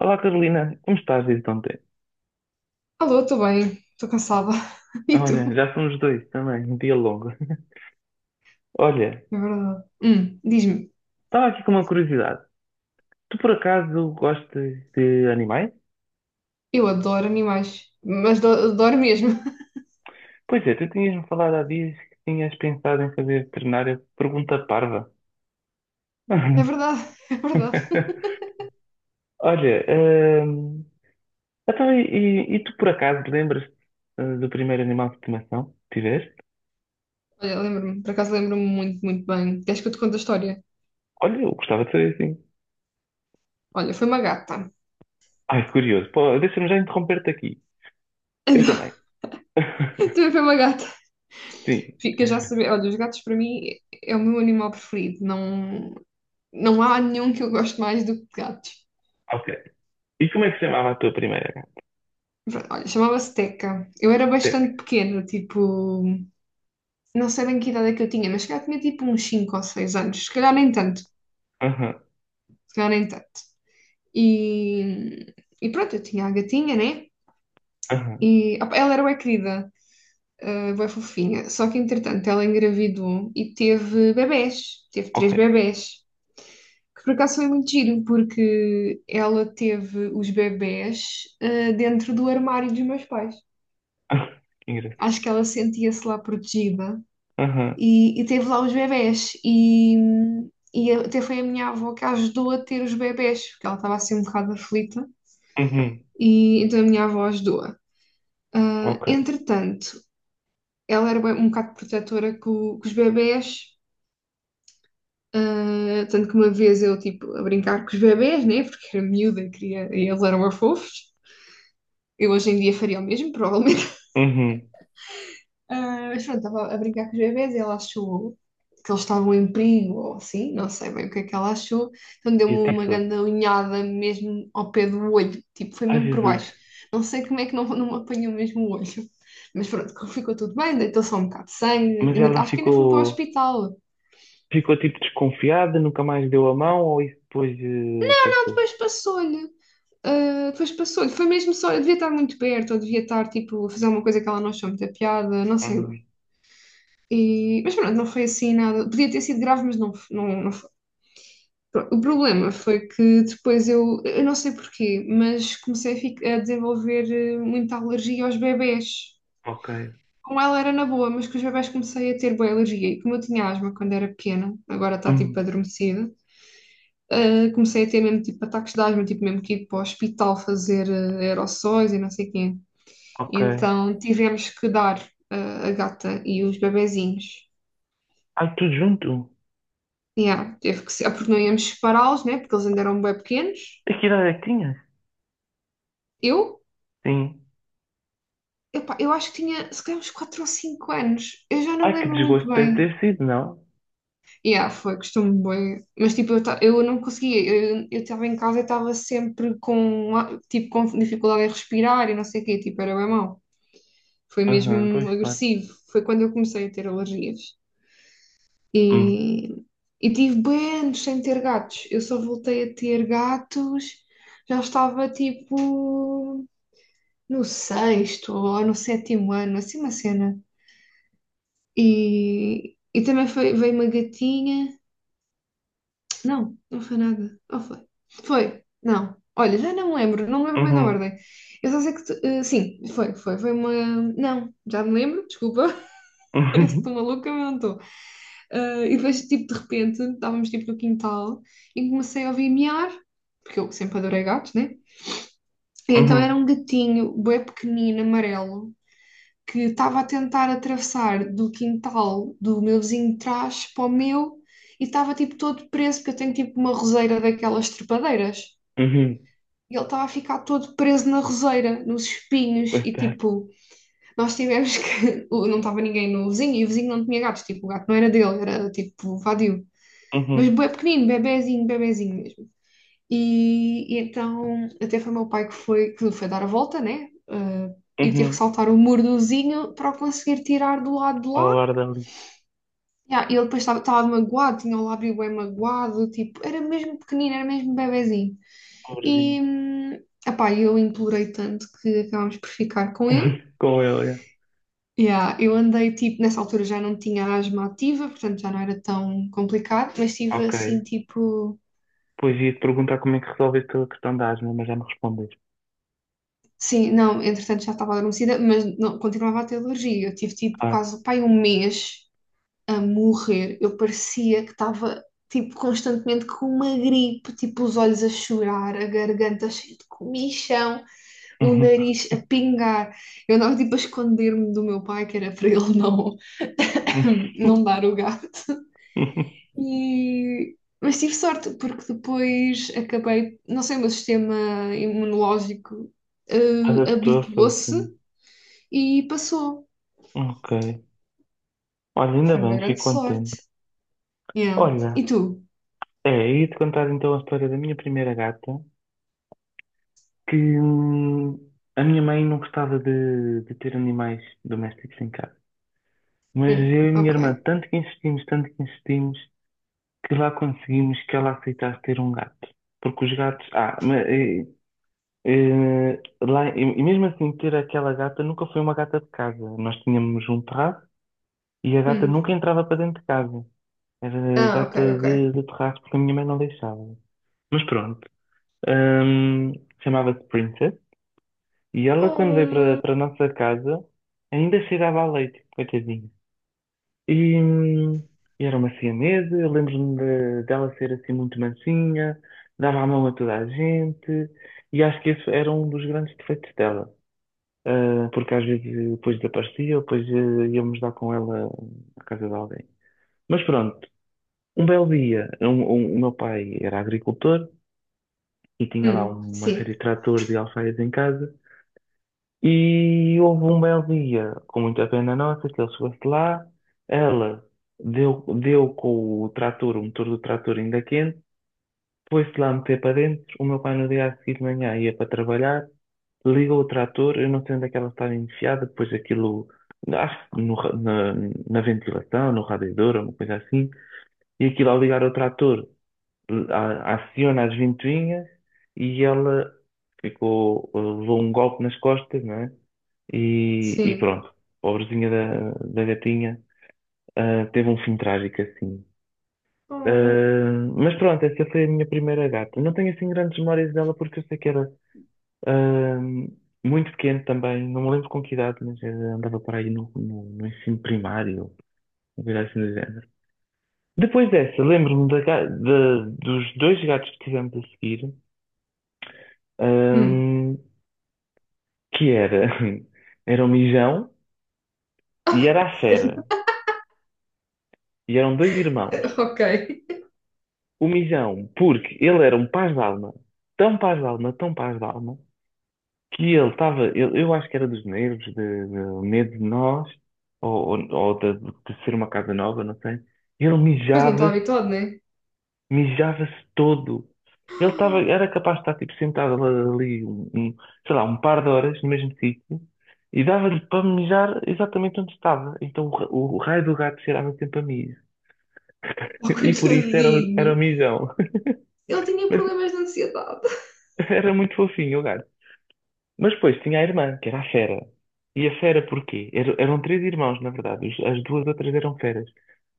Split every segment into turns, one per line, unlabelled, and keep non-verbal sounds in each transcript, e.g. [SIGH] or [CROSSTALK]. Olá Carolina, como estás desde ontem?
Alô, estou bem, estou cansada. [LAUGHS] E
Olha,
tu?
já somos dois também, um dia longo. [LAUGHS] Olha,
É verdade. Diz-me,
estava aqui com uma curiosidade. Tu por acaso gostas de animais?
eu adoro animais, mas adoro mesmo. [LAUGHS]
Pois é, tu tinhas-me falado há dias que tinhas pensado em fazer veterinária. Pergunta parva.
É verdade, é verdade.
[LAUGHS] Olha, hum, então, e tu por acaso lembras-te do primeiro animal de estimação que tiveste?
Olha, lembro-me, por acaso lembro-me muito, muito bem. Queres que eu te conte a história?
Olha, eu gostava de saber assim.
Olha, foi uma gata.
Ai, curioso. Pô, deixa-me já interromper-te aqui. Eu
Então,
também.
[LAUGHS]
[LAUGHS]
também foi uma gata.
Sim.
Fica já a saber. Olha, os gatos para mim é o meu animal preferido. Não, não há nenhum que eu goste mais do que gatos.
Ok. E como é que se chamava a tua primeira gata?
Pronto, olha, chamava-se Teca. Eu era
Teta.
bastante pequena, tipo, não sei bem que idade é que eu tinha, mas se calhar tinha tipo uns 5 ou 6 anos, se calhar nem tanto.
Aham,
Se calhar nem tanto. E, e pronto, eu tinha a gatinha, né?
aham,
E opa, ela era bem querida, bem fofinha. Só que entretanto ela engravidou e teve bebés, teve
ok.
três bebés. Que por acaso foi muito giro, porque ela teve os bebés dentro do armário dos meus pais.
Ah, que engraçado.
Acho que ela sentia-se lá protegida
Aham,
e teve lá os bebés. E até foi a minha avó que a ajudou a ter os bebés, porque ela estava assim um bocado aflita.
uhum,
E então a minha avó ajudou-a. Ah,
ok.
entretanto, ela era um bocado protetora com os bebés, tanto que uma vez eu, tipo, a brincar com os bebés, né? Porque era miúda, queria, e eles eram fofos. Eu hoje em dia faria o mesmo, provavelmente.
Uhum.
Ah, mas pronto, estava a brincar com os bebés e ela achou que eles estavam em perigo ou assim, não sei bem o que é que ela achou. Então
E
deu-me uma
atiçou-se.
grande unhada mesmo ao pé do olho, tipo, foi
Ai,
mesmo por
Jesus.
baixo. Não sei como é que não, não me apanhou mesmo o olho. [LAUGHS] Mas pronto, ficou tudo bem, deitou só um bocado de sangue,
Mas
ainda, acho que ainda fui para o hospital.
ficou tipo desconfiada, nunca mais deu a mão ou isso depois
Ah,
passou?
depois passou-lhe. Ah, depois passou-lhe. Foi mesmo só, eu devia estar muito perto, ou devia estar, tipo, a fazer uma coisa que ela não achou muita piada, não sei bem.
Uhum.
E, mas pronto, não foi assim nada. Podia ter sido grave, mas não, não, não. Pronto, o problema foi que depois eu não sei porquê, mas comecei a desenvolver muita alergia aos bebés.
Ok.
Com ela era na boa, mas com os bebés comecei a ter boa alergia. E como eu tinha asma quando era pequena, agora está
Hum,
tipo adormecida, comecei a ter mesmo tipo ataques de asma, tipo mesmo que ir para o hospital fazer aerossóis e não sei quê.
ok.
Então tivemos que dar eh, a gata e os bebezinhos.
Ai, tudo junto?
Yeah, teve que ser, porque não íamos separá-los, né? Porque eles ainda eram bem pequenos.
E que idade é que tinhas?
Eu,
Sim.
Epá, eu acho que tinha se calhar uns 4 ou cinco anos. Eu já não me
Ai, que
lembro muito
desgosto deve ter
bem.
sido, não?
E ah, foi, gostou-me bem. Mas tipo, eu, eu não conseguia. Eu estava em casa e estava sempre com dificuldade em respirar e não sei o quê. Tipo, era bem mau. Foi mesmo
Aham, pois claro.
agressivo. Foi quando eu comecei a ter alergias.
Hum,
E, e tive bem anos sem ter gatos. Eu só voltei a ter gatos. Já estava tipo no sexto ou no sétimo ano, assim uma cena. E também foi, veio uma gatinha. Não, não foi nada. Ou foi? Foi, não. Olha, já não me lembro, não me lembro bem da
uhum,
ordem. Eu só sei que, sim, foi. Foi uma. Não, já me lembro, desculpa.
[LAUGHS]
[LAUGHS] Parece que estou
uhum,
maluca, mas não estou. Eh, e depois, tipo, de repente, estávamos tipo no quintal e comecei a ouvir miar, porque eu sempre adorei gatos, né? E então era
uhum,
um gatinho, bué pequenino, amarelo. Que estava a tentar atravessar do quintal do meu vizinho de trás para o meu e estava tipo todo preso, porque eu tenho tipo uma roseira daquelas trepadeiras.
uhum.
E ele estava a ficar todo preso na roseira, nos espinhos, e
Coitado.
tipo, nós tivemos que. [LAUGHS] Não estava ninguém no vizinho, e o vizinho não tinha gatos, tipo, o gato não era dele, era tipo vadio. Mas
Uhum.
bué pequenino, bebezinho, bebezinho mesmo. E então até foi o meu pai que foi, dar a volta, né? Ah, e teve que
Uhum.
saltar o mordozinho para o conseguir tirar do lado de
Ao
lá.
ar dali,
Ya, e ah, ele depois estava magoado, tinha o lábio bem magoado, tipo, era mesmo pequenino, era mesmo bebezinho.
pobrezinho.
E, epá, eu implorei tanto que acabámos por ficar com ele.
Com ele, é.
Ya, eu andei, tipo, nessa altura já não tinha asma ativa, portanto já não era tão complicado, mas tive
Ok.
assim, tipo,
Pois ia-te perguntar como é que resolveste a questão da asma, mas já me respondeste.
sim, não, entretanto já estava adormecida, mas não, continuava a ter alergia. Eu tive tipo
Ah.
quase pai, um mês a morrer. Eu parecia que estava tipo constantemente com uma gripe, tipo os olhos a chorar, a garganta cheia de comichão, o
Uhum.
nariz a pingar. Eu andava tipo a esconder-me do meu pai, que era para ele não, [LAUGHS] não dar o gato.
[LAUGHS]
E, mas tive sorte, porque depois acabei, não sei, o meu sistema imunológico
Adaptou-se
habituou-se
assim.
e passou.
Ok. Olha, ainda
Foi uma
bem,
grande
fico contente.
sorte. Yeah.
Olha,
E tu?
é, ia-te contar então a história da minha primeira gata, que a minha mãe não gostava de ter animais domésticos em casa. Mas eu e a minha
Ok.
irmã, tanto que insistimos, que lá conseguimos que ela aceitasse ter um gato. Porque os gatos. E mesmo assim, ter aquela gata nunca foi uma gata de casa. Nós tínhamos um terraço e a gata
Hum.
nunca entrava para dentro de casa. Era
Ah, ok,
gata
ok.
de terraço porque a minha mãe não deixava. Mas pronto. Ahm, Chamava-se Princess. E ela, quando veio
Hum,
para a nossa casa, ainda cheirava a leite, coitadinha. E era uma siamesa, eu lembro-me dela ser assim muito mansinha, dava a mão a toda a gente, e acho que esse era um dos grandes defeitos dela. Ah, porque às vezes depois desaparecia, ou depois íamos dar com ela à casa de alguém. Mas pronto, um belo dia, o meu pai era agricultor e tinha lá uma
sim,
série de tratores e alfaias em casa. E houve um belo dia, com muita pena nossa, que ele chegou-se lá, ela deu com o trator, o motor do trator ainda quente, foi-se lá meter para dentro. O meu pai no dia a seguir de manhã ia para trabalhar, ligou o trator, eu não sei onde é que ela estava enfiada, depois aquilo, acho que no ra- na, na ventilação, no radiador, uma coisa assim, e aquilo ao ligar o trator, aciona as ventoinhas e ela ficou, levou um golpe nas costas, não é? E
sim.
pronto, pobrezinha da gatinha, teve um fim trágico assim.
Hum,
Mas pronto, essa foi a minha primeira gata. Não tenho assim grandes memórias dela porque eu sei que era ah, muito pequeno também, não me lembro com que idade, mas andava para aí no ensino primário, uma coisa assim do género. Depois dessa, lembro-me dos dois gatos que tivemos a seguir,
hum.
ah, que era, [LAUGHS] era o Mijão e era a Fera,
[LAUGHS]
e eram dois irmãos.
Ok.
O Mijão, porque ele era um paz de alma, tão paz de alma, tão paz de alma, que ele estava, eu acho que era dos nervos, de medo de nós, ou de ser uma casa nova, não sei. Ele
Pois não está
mijava-se,
habituado, né? [LAUGHS]
mijava-se todo. Ele estava, era capaz de estar tipo, sentado ali, um, sei lá, um par de horas no mesmo sítio, e dava-lhe para mijar exatamente onde estava. Então o raio do gato cheirava sempre a mijo. [LAUGHS]
Oh,
E por isso era, era o
coitadinho.
mijão.
Ele
[LAUGHS]
tinha
Mas
problemas de ansiedade.
era muito fofinho o gato. Mas depois tinha a irmã, que era a Fera. E a Fera porquê? Eram três irmãos, na verdade. As duas outras eram feras.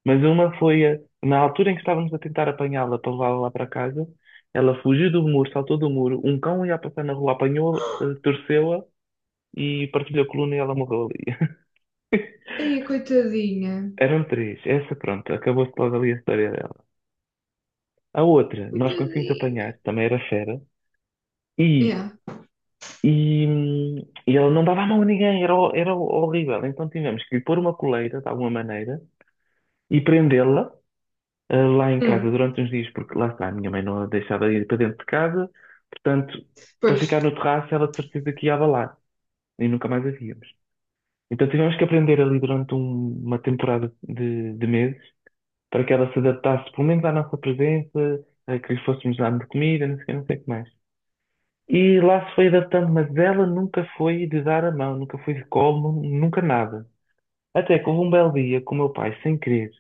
Mas uma foi, na altura em que estávamos a tentar apanhá-la para levá-la lá para casa, ela fugiu do muro, saltou do muro, um cão ia passar na rua, apanhou, torceu-a e partilhou a coluna e ela morreu ali. [LAUGHS]
Ai, coitadinha.
Eram três. Essa, pronto, acabou-se logo ali a história dela. A outra, nós conseguimos
Coitadinha.
apanhar, também era fera, e
Yeah.
E, hum, e ela não dava a mão a ninguém, era, era horrível. Então tivemos que lhe pôr uma coleira, de alguma maneira, e prendê-la lá em casa
Hum.
durante uns dias, porque lá está, a minha mãe não a deixava ir para dentro de casa, portanto, para
Pois,
ficar no terraço, ela de certeza que ia abalar, e nunca mais a víamos. Então tivemos que aprender ali durante uma temporada de meses, para que ela se adaptasse, pelo menos à nossa presença, a que lhe fôssemos dando de comida, não sei o quê, não sei o que mais. E lá se foi adaptando, mas ela nunca foi de dar a mão, nunca foi de colo, nunca nada. Até que houve um belo dia que o meu pai, sem querer,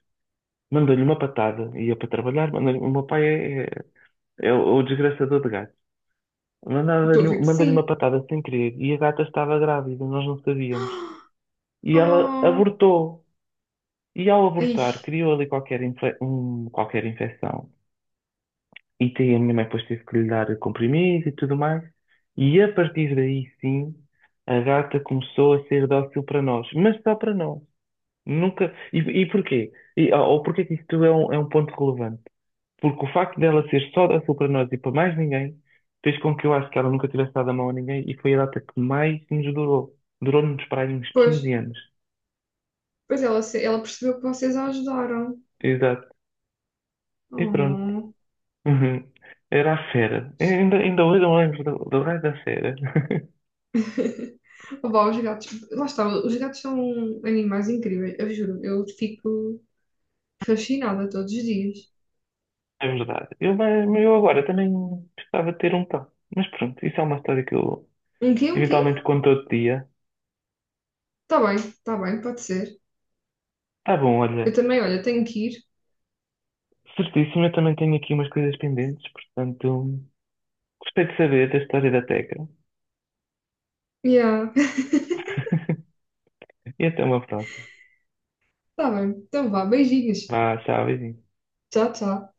mandou-lhe uma patada, ia para trabalhar, mandou-lhe, o meu pai é o desgraçador de gatos.
estou a ver que
Mandou-lhe uma
sim.
patada sem querer e a gata estava grávida, nós não sabíamos. E ela
Oh.
abortou. E ao
Ai,
abortar, criou ali qualquer, qualquer infecção. E tem, a minha mãe depois teve que lhe dar comprimido e tudo mais. E a partir daí, sim, a gata começou a ser dócil para nós, mas só para nós. Nunca. E porquê? E, ou porquê que isto é é um ponto relevante? Porque o facto dela ser só dócil para nós e para mais ninguém fez com que eu acho que ela nunca tivesse dado a mão a ninguém e foi a data que mais nos durou. Durou-nos para aí uns
pois.
15 anos.
Pois ela percebeu que vocês a ajudaram.
Exato. E pronto. [LAUGHS]
Oh.
Uhum. Era a fera. Ainda, ainda hoje eu me lembro do raio da fera.
[LAUGHS] Opa, os gatos, lá está, os gatos são animais incríveis, eu juro, eu fico fascinada todos os dias.
É verdade. Eu, mas eu agora também gostava de ter um tal. Mas pronto, isso é uma história que eu
Um quê? Um
eventualmente
quê?
conto outro dia.
Tá bem, tá bem, pode ser.
Tá bom,
Eu
olha.
também, olha, tenho que ir.
Certíssimo, eu também tenho aqui umas coisas pendentes, portanto, gostei de saber da história da Teca.
Yeah. [LAUGHS]
E até uma próxima.
Tá bem, então vá, beijinhos.
Vá, tchau, beijinho.
Tchau, tchau.